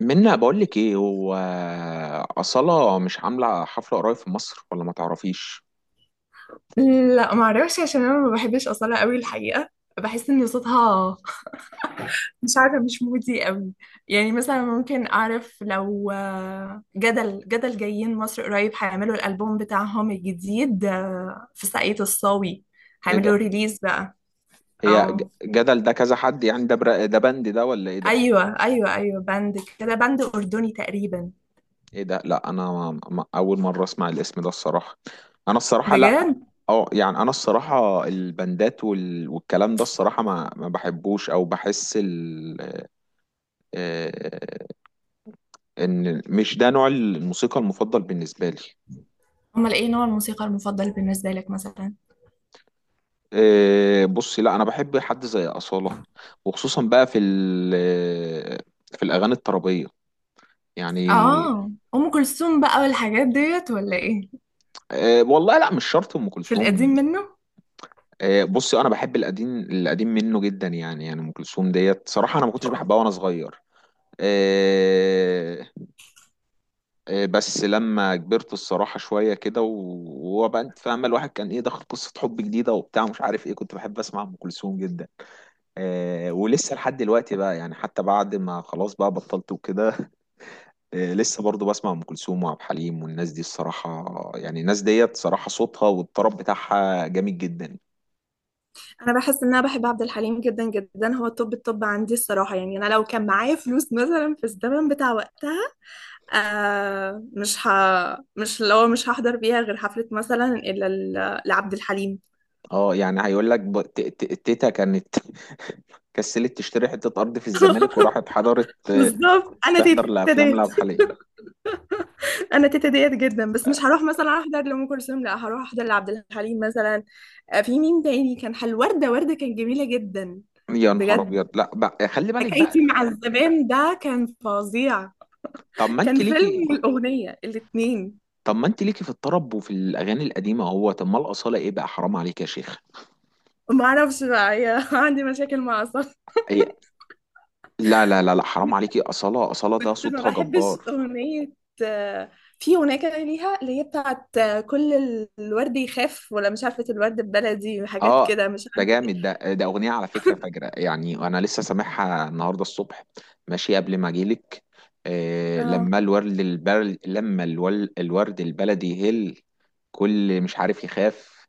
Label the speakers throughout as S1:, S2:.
S1: منا بقول لك ايه هو. أصالة مش عاملة حفلة قريب في مصر، ولا ما تعرفيش؟
S2: لا، ما اعرفش عشان انا ما بحبش اصاله قوي الحقيقه. بحس ان صوتها مش عارفه، مش مودي قوي. يعني مثلا ممكن اعرف لو جدل جايين مصر قريب، هيعملوا الالبوم بتاعهم الجديد في ساقية الصاوي،
S1: ايه
S2: هيعملوا
S1: ده؟
S2: ريليز بقى.
S1: هي
S2: او
S1: جدل ده كذا حد؟ يعني ده ده بند ده ولا ايه ده؟
S2: ايوه ايوه ايوه، باند كده، باند اردني تقريبا.
S1: ايه ده؟ لا انا ما... ما... اول مرة اسمع الاسم ده الصراحة. انا الصراحة لا.
S2: بجد.
S1: اه يعني انا الصراحة البندات والكلام ده الصراحة ما بحبوش، او بحس ال... آه، ان مش ده نوع الموسيقى المفضل بالنسبة لي.
S2: امال ايه نوع الموسيقى المفضل بالنسبه لك مثلا؟
S1: بصي، لا انا بحب حد زي اصاله، وخصوصا بقى في في الاغاني الطربيه يعني.
S2: اه، ام كلثوم بقى والحاجات ديت ولا ايه؟
S1: والله لا، مش شرط ام
S2: في القديم
S1: كلثوم.
S2: منه.
S1: بصي انا بحب القديم، القديم منه جدا، يعني ام كلثوم ديت صراحه انا ما كنتش بحبها وانا صغير. إيه، إيه، بس لما كبرت الصراحه شويه كده وبقى انت فاهمه، الواحد كان ايه دخل قصه حب جديده وبتاع مش عارف ايه، كنت بحب اسمع ام كلثوم جدا. ولسه لحد دلوقتي بقى يعني، حتى بعد ما خلاص بقى بطلت وكده. لسه برضو بسمع ام كلثوم وعبد الحليم والناس دي الصراحه. يعني الناس ديت صراحه صوتها والطرب بتاعها جامد جدا.
S2: انا بحس ان انا بحب عبد الحليم جدا جدا، هو التوب التوب عندي الصراحه. يعني انا لو كان معايا فلوس مثلا في الزمن بتاع وقتها، آه مش ه... مش لو مش هحضر بيها غير حفله مثلا الا لعبد الحليم.
S1: اه يعني هيقول لك تيتا كانت كسلت تشتري حته ارض في الزمالك وراحت حضرت
S2: بالظبط،
S1: تحضر لافلام
S2: ديت
S1: لعبد الحليم.
S2: انا تيتا ديت جدا، بس مش هروح مثلا احضر لام كلثوم، لا هروح احضر لعبد الحليم مثلا. في مين تاني كان حلو؟ ورده كانت جميله جدا.
S1: يا نهار
S2: بجد،
S1: ابيض! لا بقى، خلي بالك بقى.
S2: حكايتي مع الزمان ده كان فظيع،
S1: طب ما
S2: كان
S1: انت
S2: فيلم
S1: ليكي.
S2: والاغنيه الاتنين.
S1: طب ما انت ليكي في الطرب وفي الاغاني القديمه، هو طب ما الاصاله ايه بقى؟ حرام عليك يا شيخ.
S2: ما اعرفش بقى، هي عندي مشاكل مع اعصابي.
S1: هي- لا لا لا لا، حرام عليكي، اصاله اصاله ده
S2: كنت ما
S1: صوتها
S2: بحبش
S1: جبار.
S2: اغنيه، آه، في اغنيه كده ليها اللي هي بتاعت كل الورد يخاف، ولا مش عارفه، الورد ببلدي وحاجات
S1: اه
S2: كده، مش
S1: ده
S2: عارفه
S1: جامد، ده اغنيه على فكره فجره، يعني انا لسه سامعها النهارده الصبح ماشي قبل ما اجيلك.
S2: ايه. اه.
S1: لما الورد البلدي يهل كل مش عارف يخاف،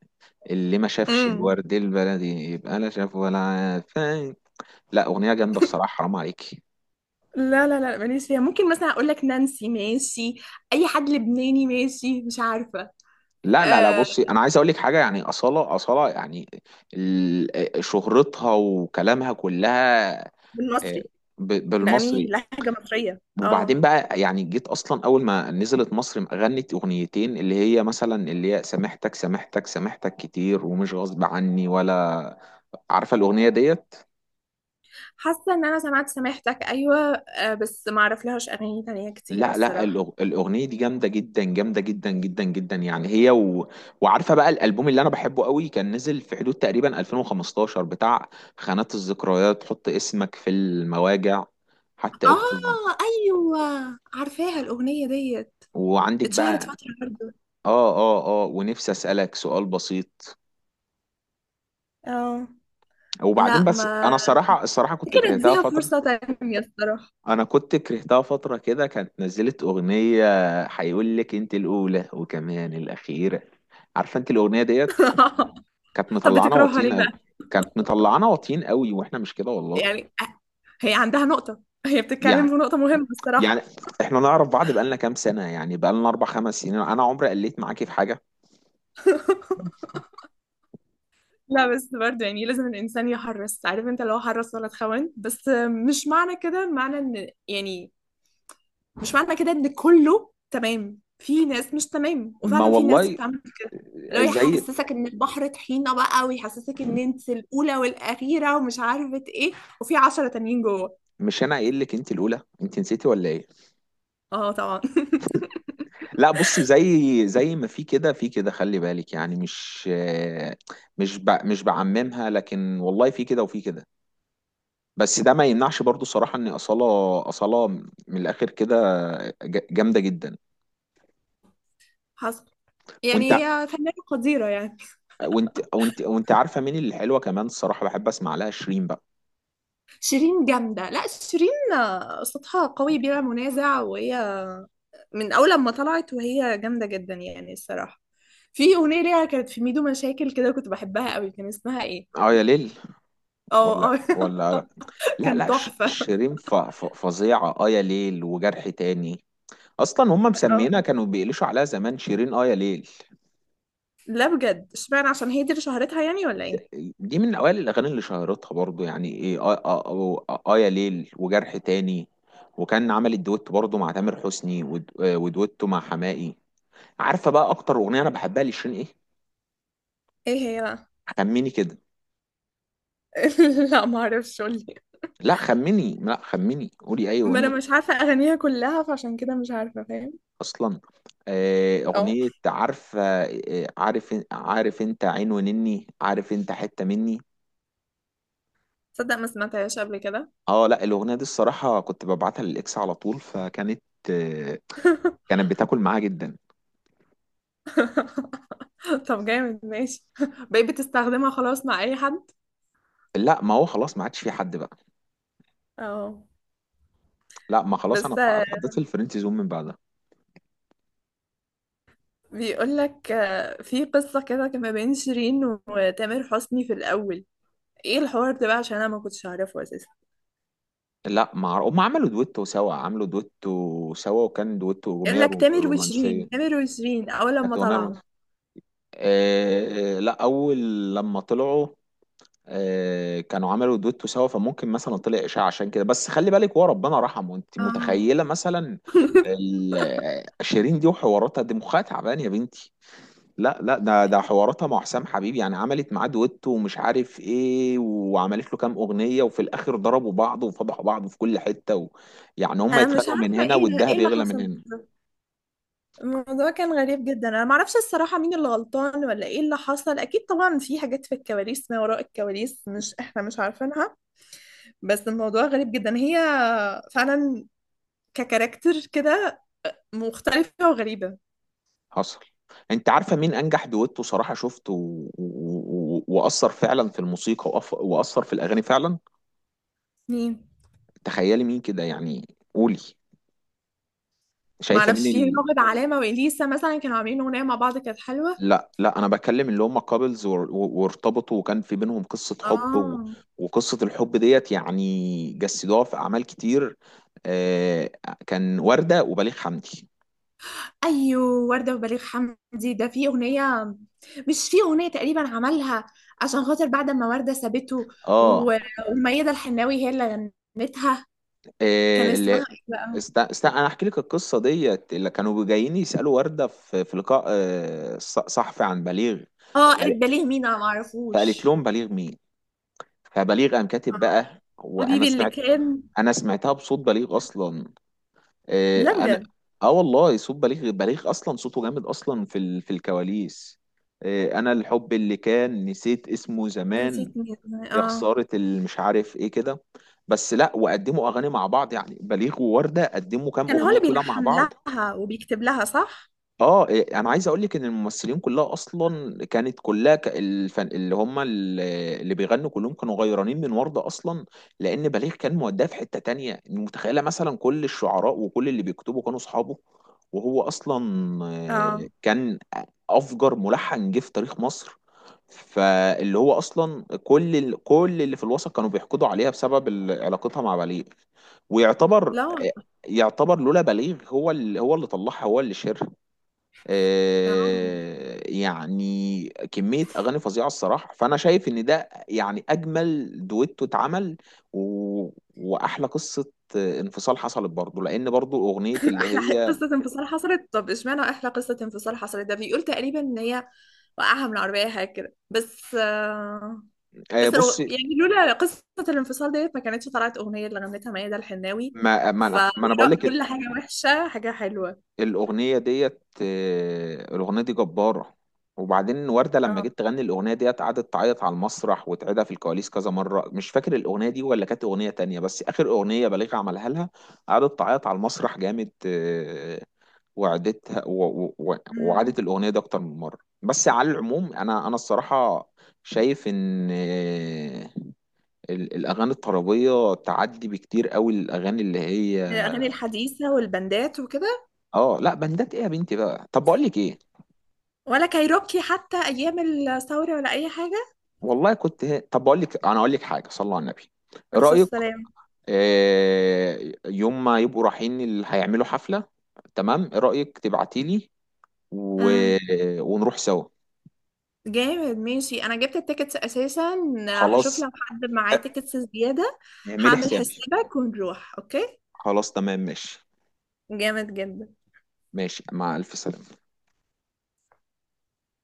S1: اللي ما شافش
S2: امم.
S1: الورد البلدي يبقى لا شاف ولا عارف. لا اغنيه جامده الصراحه، حرام عليكي.
S2: لا لا لا، ماليش فيها. ممكن مثلا اقول لك نانسي ماشي، اي حد لبناني ماشي، مش عارفه.
S1: لا لا لا،
S2: آه.
S1: بصي انا عايز اقول لك حاجه، يعني اصاله يعني شهرتها وكلامها كلها، آه،
S2: بالمصري. الاغاني
S1: بالمصري.
S2: لهجه مصريه. اه.
S1: وبعدين بقى يعني، جيت اصلا اول ما نزلت مصر غنت اغنيتين، اللي هي مثلا اللي هي سامحتك سامحتك سامحتك كتير، ومش غصب عني، ولا عارفه الاغنيه ديت؟
S2: حاسه ان انا سمعت سماحتك، ايوه، بس ما اعرف لهاش اغاني تانية كتيره
S1: لا لا،
S2: الصراحه.
S1: الاغنيه دي جامده جدا، جامده جدا جدا جدا يعني هي وعارفه بقى الالبوم اللي انا بحبه قوي كان نزل في حدود تقريبا 2015 بتاع خانات الذكريات، حط اسمك في المواجع، حتى اكتب.
S2: اه، ايوه، عارفاها الاغنيه ديت،
S1: وعندك
S2: اتشهرت
S1: بقى.
S2: فتره برضه.
S1: اه، اه، اه. ونفسي اسالك سؤال بسيط.
S2: اه.
S1: وبعدين
S2: لا،
S1: بس
S2: ما
S1: انا صراحه الصراحه كنت
S2: كده،
S1: كرهتها
S2: اديها
S1: فتره.
S2: فرصه تانية الصراحه.
S1: انا كنت كرهتها فتره، كده كانت نزلت اغنيه، هيقول لك انت الاولى وكمان الاخيره. عارفه انت الاغنيه ديت؟ كانت
S2: طب
S1: مطلعانا
S2: بتكرهها
S1: واطيين
S2: ليه
S1: قوي
S2: بقى؟
S1: كانت مطلعانا واطيين قوي، واحنا مش كده والله.
S2: يعني هي عندها نقطه، هي بتتكلم في
S1: يعني
S2: نقطه مهمه الصراحه.
S1: يعني احنا نعرف بعض بقالنا كام سنه، يعني بقالنا اربع خمس سنين، انا عمري قلت معاكي في حاجه.
S2: لا، بس برضه يعني لازم الانسان يحرص، عارف انت، لو حرص ولا تخون. بس مش معنى كده، معنى ان يعني مش معنى كده ان كله تمام. في ناس مش تمام،
S1: ما
S2: وفعلا في ناس
S1: والله،
S2: بتعمل كده، اللي هو
S1: زي،
S2: يحسسك ان البحر طحينة بقى، ويحسسك ان انت الاولى والاخيرة ومش عارفة ايه، وفي عشرة تانيين جوه.
S1: مش انا قايل لك انت الاولى؟ انت نسيتي ولا ايه؟
S2: اه طبعا.
S1: لا بصي، زي زي ما في كده في كده، خلي بالك يعني، مش بعممها، لكن والله في كده وفي كده. بس ده ما يمنعش برضو الصراحة ان أصالة، من الآخر كده جامدة جدا.
S2: حصل.
S1: وانت
S2: يعني
S1: ع-
S2: هي فنانة قديرة يعني.
S1: وانت وانت وانت عارفة مين اللي حلوة كمان الصراحة؟ بحب اسمع لها شيرين بقى.
S2: شيرين جامدة. لا، شيرين صوتها قوي بلا منازع، وهي من أول لما طلعت وهي جامدة جدا يعني الصراحة. في أغنية ليها كانت في ميدو مشاكل كده، كنت بحبها قوي، كان اسمها ايه؟
S1: اه يا ليل، ولا
S2: اه، اه.
S1: ولا لا
S2: كان
S1: لا،
S2: تحفة.
S1: شيرين فظيعة، اه يا ليل وجرح تاني، اصلا هم
S2: اه،
S1: مسمينها كانوا بيقلشوا عليها زمان شيرين اه يا ليل.
S2: لا، بجد، اشمعنى؟ عشان هي دي اللي شهرتها يعني ولا ايه؟
S1: دي من اوائل الاغاني اللي شهرتها برضو يعني، ايه، اه يا ليل وجرح تاني، وكان عمل الدويتو برضو مع تامر حسني ودويتو مع حماقي. عارفه بقى اكتر اغنيه انا بحبها لشيرين ايه؟
S2: ايه هي بقى؟
S1: خمني كده.
S2: لا، ما اعرفش، قولي.
S1: لا خمني، لا خمني، قولي اي
S2: ما انا
S1: اغنيه.
S2: مش عارفه اغانيها كلها فعشان كده مش عارفه، فاهم.
S1: اصلا
S2: اه.
S1: اغنيه، عارفه عارف انت عين ونني، عارف انت حته مني.
S2: تصدق ما سمعتهاش قبل كده.
S1: اه لا، الاغنيه دي الصراحه كنت ببعتها للاكس على طول، فكانت، آه، كانت بتاكل معاه جدا.
S2: طب جامد، ماشي. بقيت بتستخدمها خلاص مع اي حد.
S1: لا ما هو خلاص، ما عادش في حد بقى.
S2: اه.
S1: لا ما خلاص، انا
S2: بس
S1: اتحددت الفريند زون من بعدها.
S2: بيقول لك في قصه كده كان ما بين شيرين وتامر حسني في الاول. ايه الحوار ده بقى؟ عشان انا ما كنتش اعرفه اساسا.
S1: لا ما عر- هم عملوا دويتو سوا، وكان دويتو
S2: يقول
S1: اغنيه
S2: لك تامر
S1: رومانسيه،
S2: وشيرين، تامر وشيرين اول
S1: كانت
S2: لما
S1: اغنيه
S2: طلعوا.
S1: رومانسيه. لا، اول لما طلعوا كانوا عملوا دويتو سوا، فممكن مثلا طلع اشاعه عشان كده، بس خلي بالك هو ربنا رحمه، انت
S2: اه.
S1: متخيله مثلا شيرين دي وحواراتها دي مخها تعبان يا بنتي؟ لا لا، ده حواراتها مع حسام حبيب، يعني عملت معاه دويتو ومش عارف ايه، وعملت له كام اغنيه، وفي الاخر ضربوا بعض وفضحوا بعض في كل حته يعني هم
S2: انا مش
S1: يتخانقوا من
S2: عارفه
S1: هنا،
S2: ايه ده، ايه
S1: والدهب
S2: اللي
S1: يغلى من
S2: حصل.
S1: هنا.
S2: الموضوع كان غريب جدا، انا معرفش الصراحه مين اللي غلطان ولا ايه اللي حصل. اكيد طبعا في حاجات في الكواليس، ما وراء الكواليس مش احنا مش عارفينها. بس الموضوع غريب جدا، هي فعلا ككاركتر كده مختلفه وغريبه.
S1: حصل. انت عارفه مين انجح دويتو صراحه شفته، واثر فعلا في الموسيقى، واثر في الاغاني فعلا؟
S2: مين؟
S1: تخيلي مين كده يعني. قولي، شايفه
S2: معرفش. في
S1: مين؟
S2: راغب علامه واليسا مثلا كانوا عاملين اغنيه مع بعض كانت حلوه.
S1: لا لا، انا بكلم اللي هم كابلز وارتبطوا، وكان في بينهم قصة حب
S2: اه.
S1: وقصة الحب ديت يعني جسدوها في اعمال كتير. آه كان وردة وبليغ حمدي.
S2: ايوه، ورده وبليغ حمدي ده في اغنيه، مش في اغنيه تقريبا عملها عشان خاطر بعد ما ورده سابته.
S1: اه
S2: و- وميادة الحناوي هي اللي غنتها. كان
S1: اللي
S2: اسمها ايه بقى؟
S1: انا احكي لك القصة ديت، اللي كانوا جايين يسألوا وردة في، لقاء صحفي عن بليغ،
S2: اه، قالت
S1: فقال-
S2: بليغ مين، انا
S1: فقالت
S2: معرفوش.
S1: لهم بليغ مين. فبليغ قام كاتب
S2: اه،
S1: بقى، وانا
S2: حبيبي اللي
S1: سمعت،
S2: كان.
S1: انا سمعتها بصوت بليغ اصلا. آه،
S2: لا،
S1: انا
S2: بجد،
S1: اه والله صوت بليغ، اصلا صوته جامد، اصلا في في الكواليس. انا الحب اللي كان نسيت اسمه
S2: نسيت
S1: زمان،
S2: مين.
S1: يا
S2: اه.
S1: خسارة، اللي مش عارف ايه كده. بس لا، وقدموا اغاني مع بعض يعني، بليغ ووردة قدموا كام
S2: كان هو اللي
S1: اغنية كده مع
S2: بيلحن
S1: بعض.
S2: لها وبيكتب لها، صح.
S1: اه إيه، انا عايز اقول لك ان الممثلين كلها اصلا كانت كلها الفن اللي هم، اللي بيغنوا كلهم كانوا غيرانين من وردة اصلا. لان بليغ كان موداه في حتة تانية، متخيلة مثلا، كل الشعراء وكل اللي بيكتبوا كانوا اصحابه، وهو اصلا
S2: اه،
S1: كان افجر ملحن جه في تاريخ مصر. فاللي هو اصلا كل اللي في الوسط كانوا بيحقدوا عليها بسبب علاقتها مع بليغ. ويعتبر
S2: لا،
S1: يعتبر لولا بليغ، هو اللي، طلعها، هو اللي شهرها.
S2: آه.
S1: يعني كمية أغاني فظيعة الصراحة، فأنا شايف إن ده يعني أجمل دويتو اتعمل، و... وأحلى قصة انفصال حصلت برضه، لأن برضه أغنية اللي
S2: احلى
S1: هي،
S2: قصه انفصال حصلت؟ طب اشمعنى احلى قصه انفصال حصلت؟ ده بيقول تقريبا ان هي وقعها من العربيه حاجه كده. بس آه، بس
S1: بص.
S2: لو يعني لولا قصه الانفصال ديت ما كانتش طلعت اغنيه اللي غنتها ميادة الحناوي.
S1: ما ما أنا ما أنا بقول
S2: فوراء
S1: لك
S2: كل حاجه وحشه حاجه حلوه.
S1: الأغنية ديت، الأغنية دي جبارة. وبعدين وردة لما
S2: اه.
S1: جيت تغني الأغنية ديت، قعدت تعيط على المسرح وتعيدها في الكواليس كذا مرة، مش فاكر الأغنية دي ولا كانت أغنية تانية، بس آخر أغنية بليغ عملها لها، قعدت تعيط على المسرح جامد، وعدتها
S2: أمم.
S1: وعادت الأغنية دي أكتر من مرة. بس على العموم أنا الصراحة شايف إن الأغاني الطربية تعدي بكتير قوي الأغاني اللي هي
S2: الاغاني الحديثه والبندات وكده؟
S1: لا، بندات إيه يا بنتي بقى. طب بقول لك إيه،
S2: ولا كايروكي حتى ايام الثوره ولا اي حاجه؟
S1: والله كنت طب بقول لك، اقول لك حاجه، صلى على النبي. إيه
S2: عليه الصلاه
S1: رايك؟
S2: والسلام.
S1: آه، يوم ما يبقوا رايحين اللي هيعملوا حفله، تمام، ايه رايك تبعتي لي، و... ونروح سوا؟
S2: جامد، ماشي، انا جبت التيكتس اساسا. هشوف
S1: خلاص،
S2: لو حد معاه تيكتس زيادة.
S1: اعملي
S2: هعمل
S1: حسابي.
S2: حسابك ونروح، اوكي.
S1: خلاص تمام ماشي،
S2: جامد جدا.
S1: ماشي مع الف سلامه.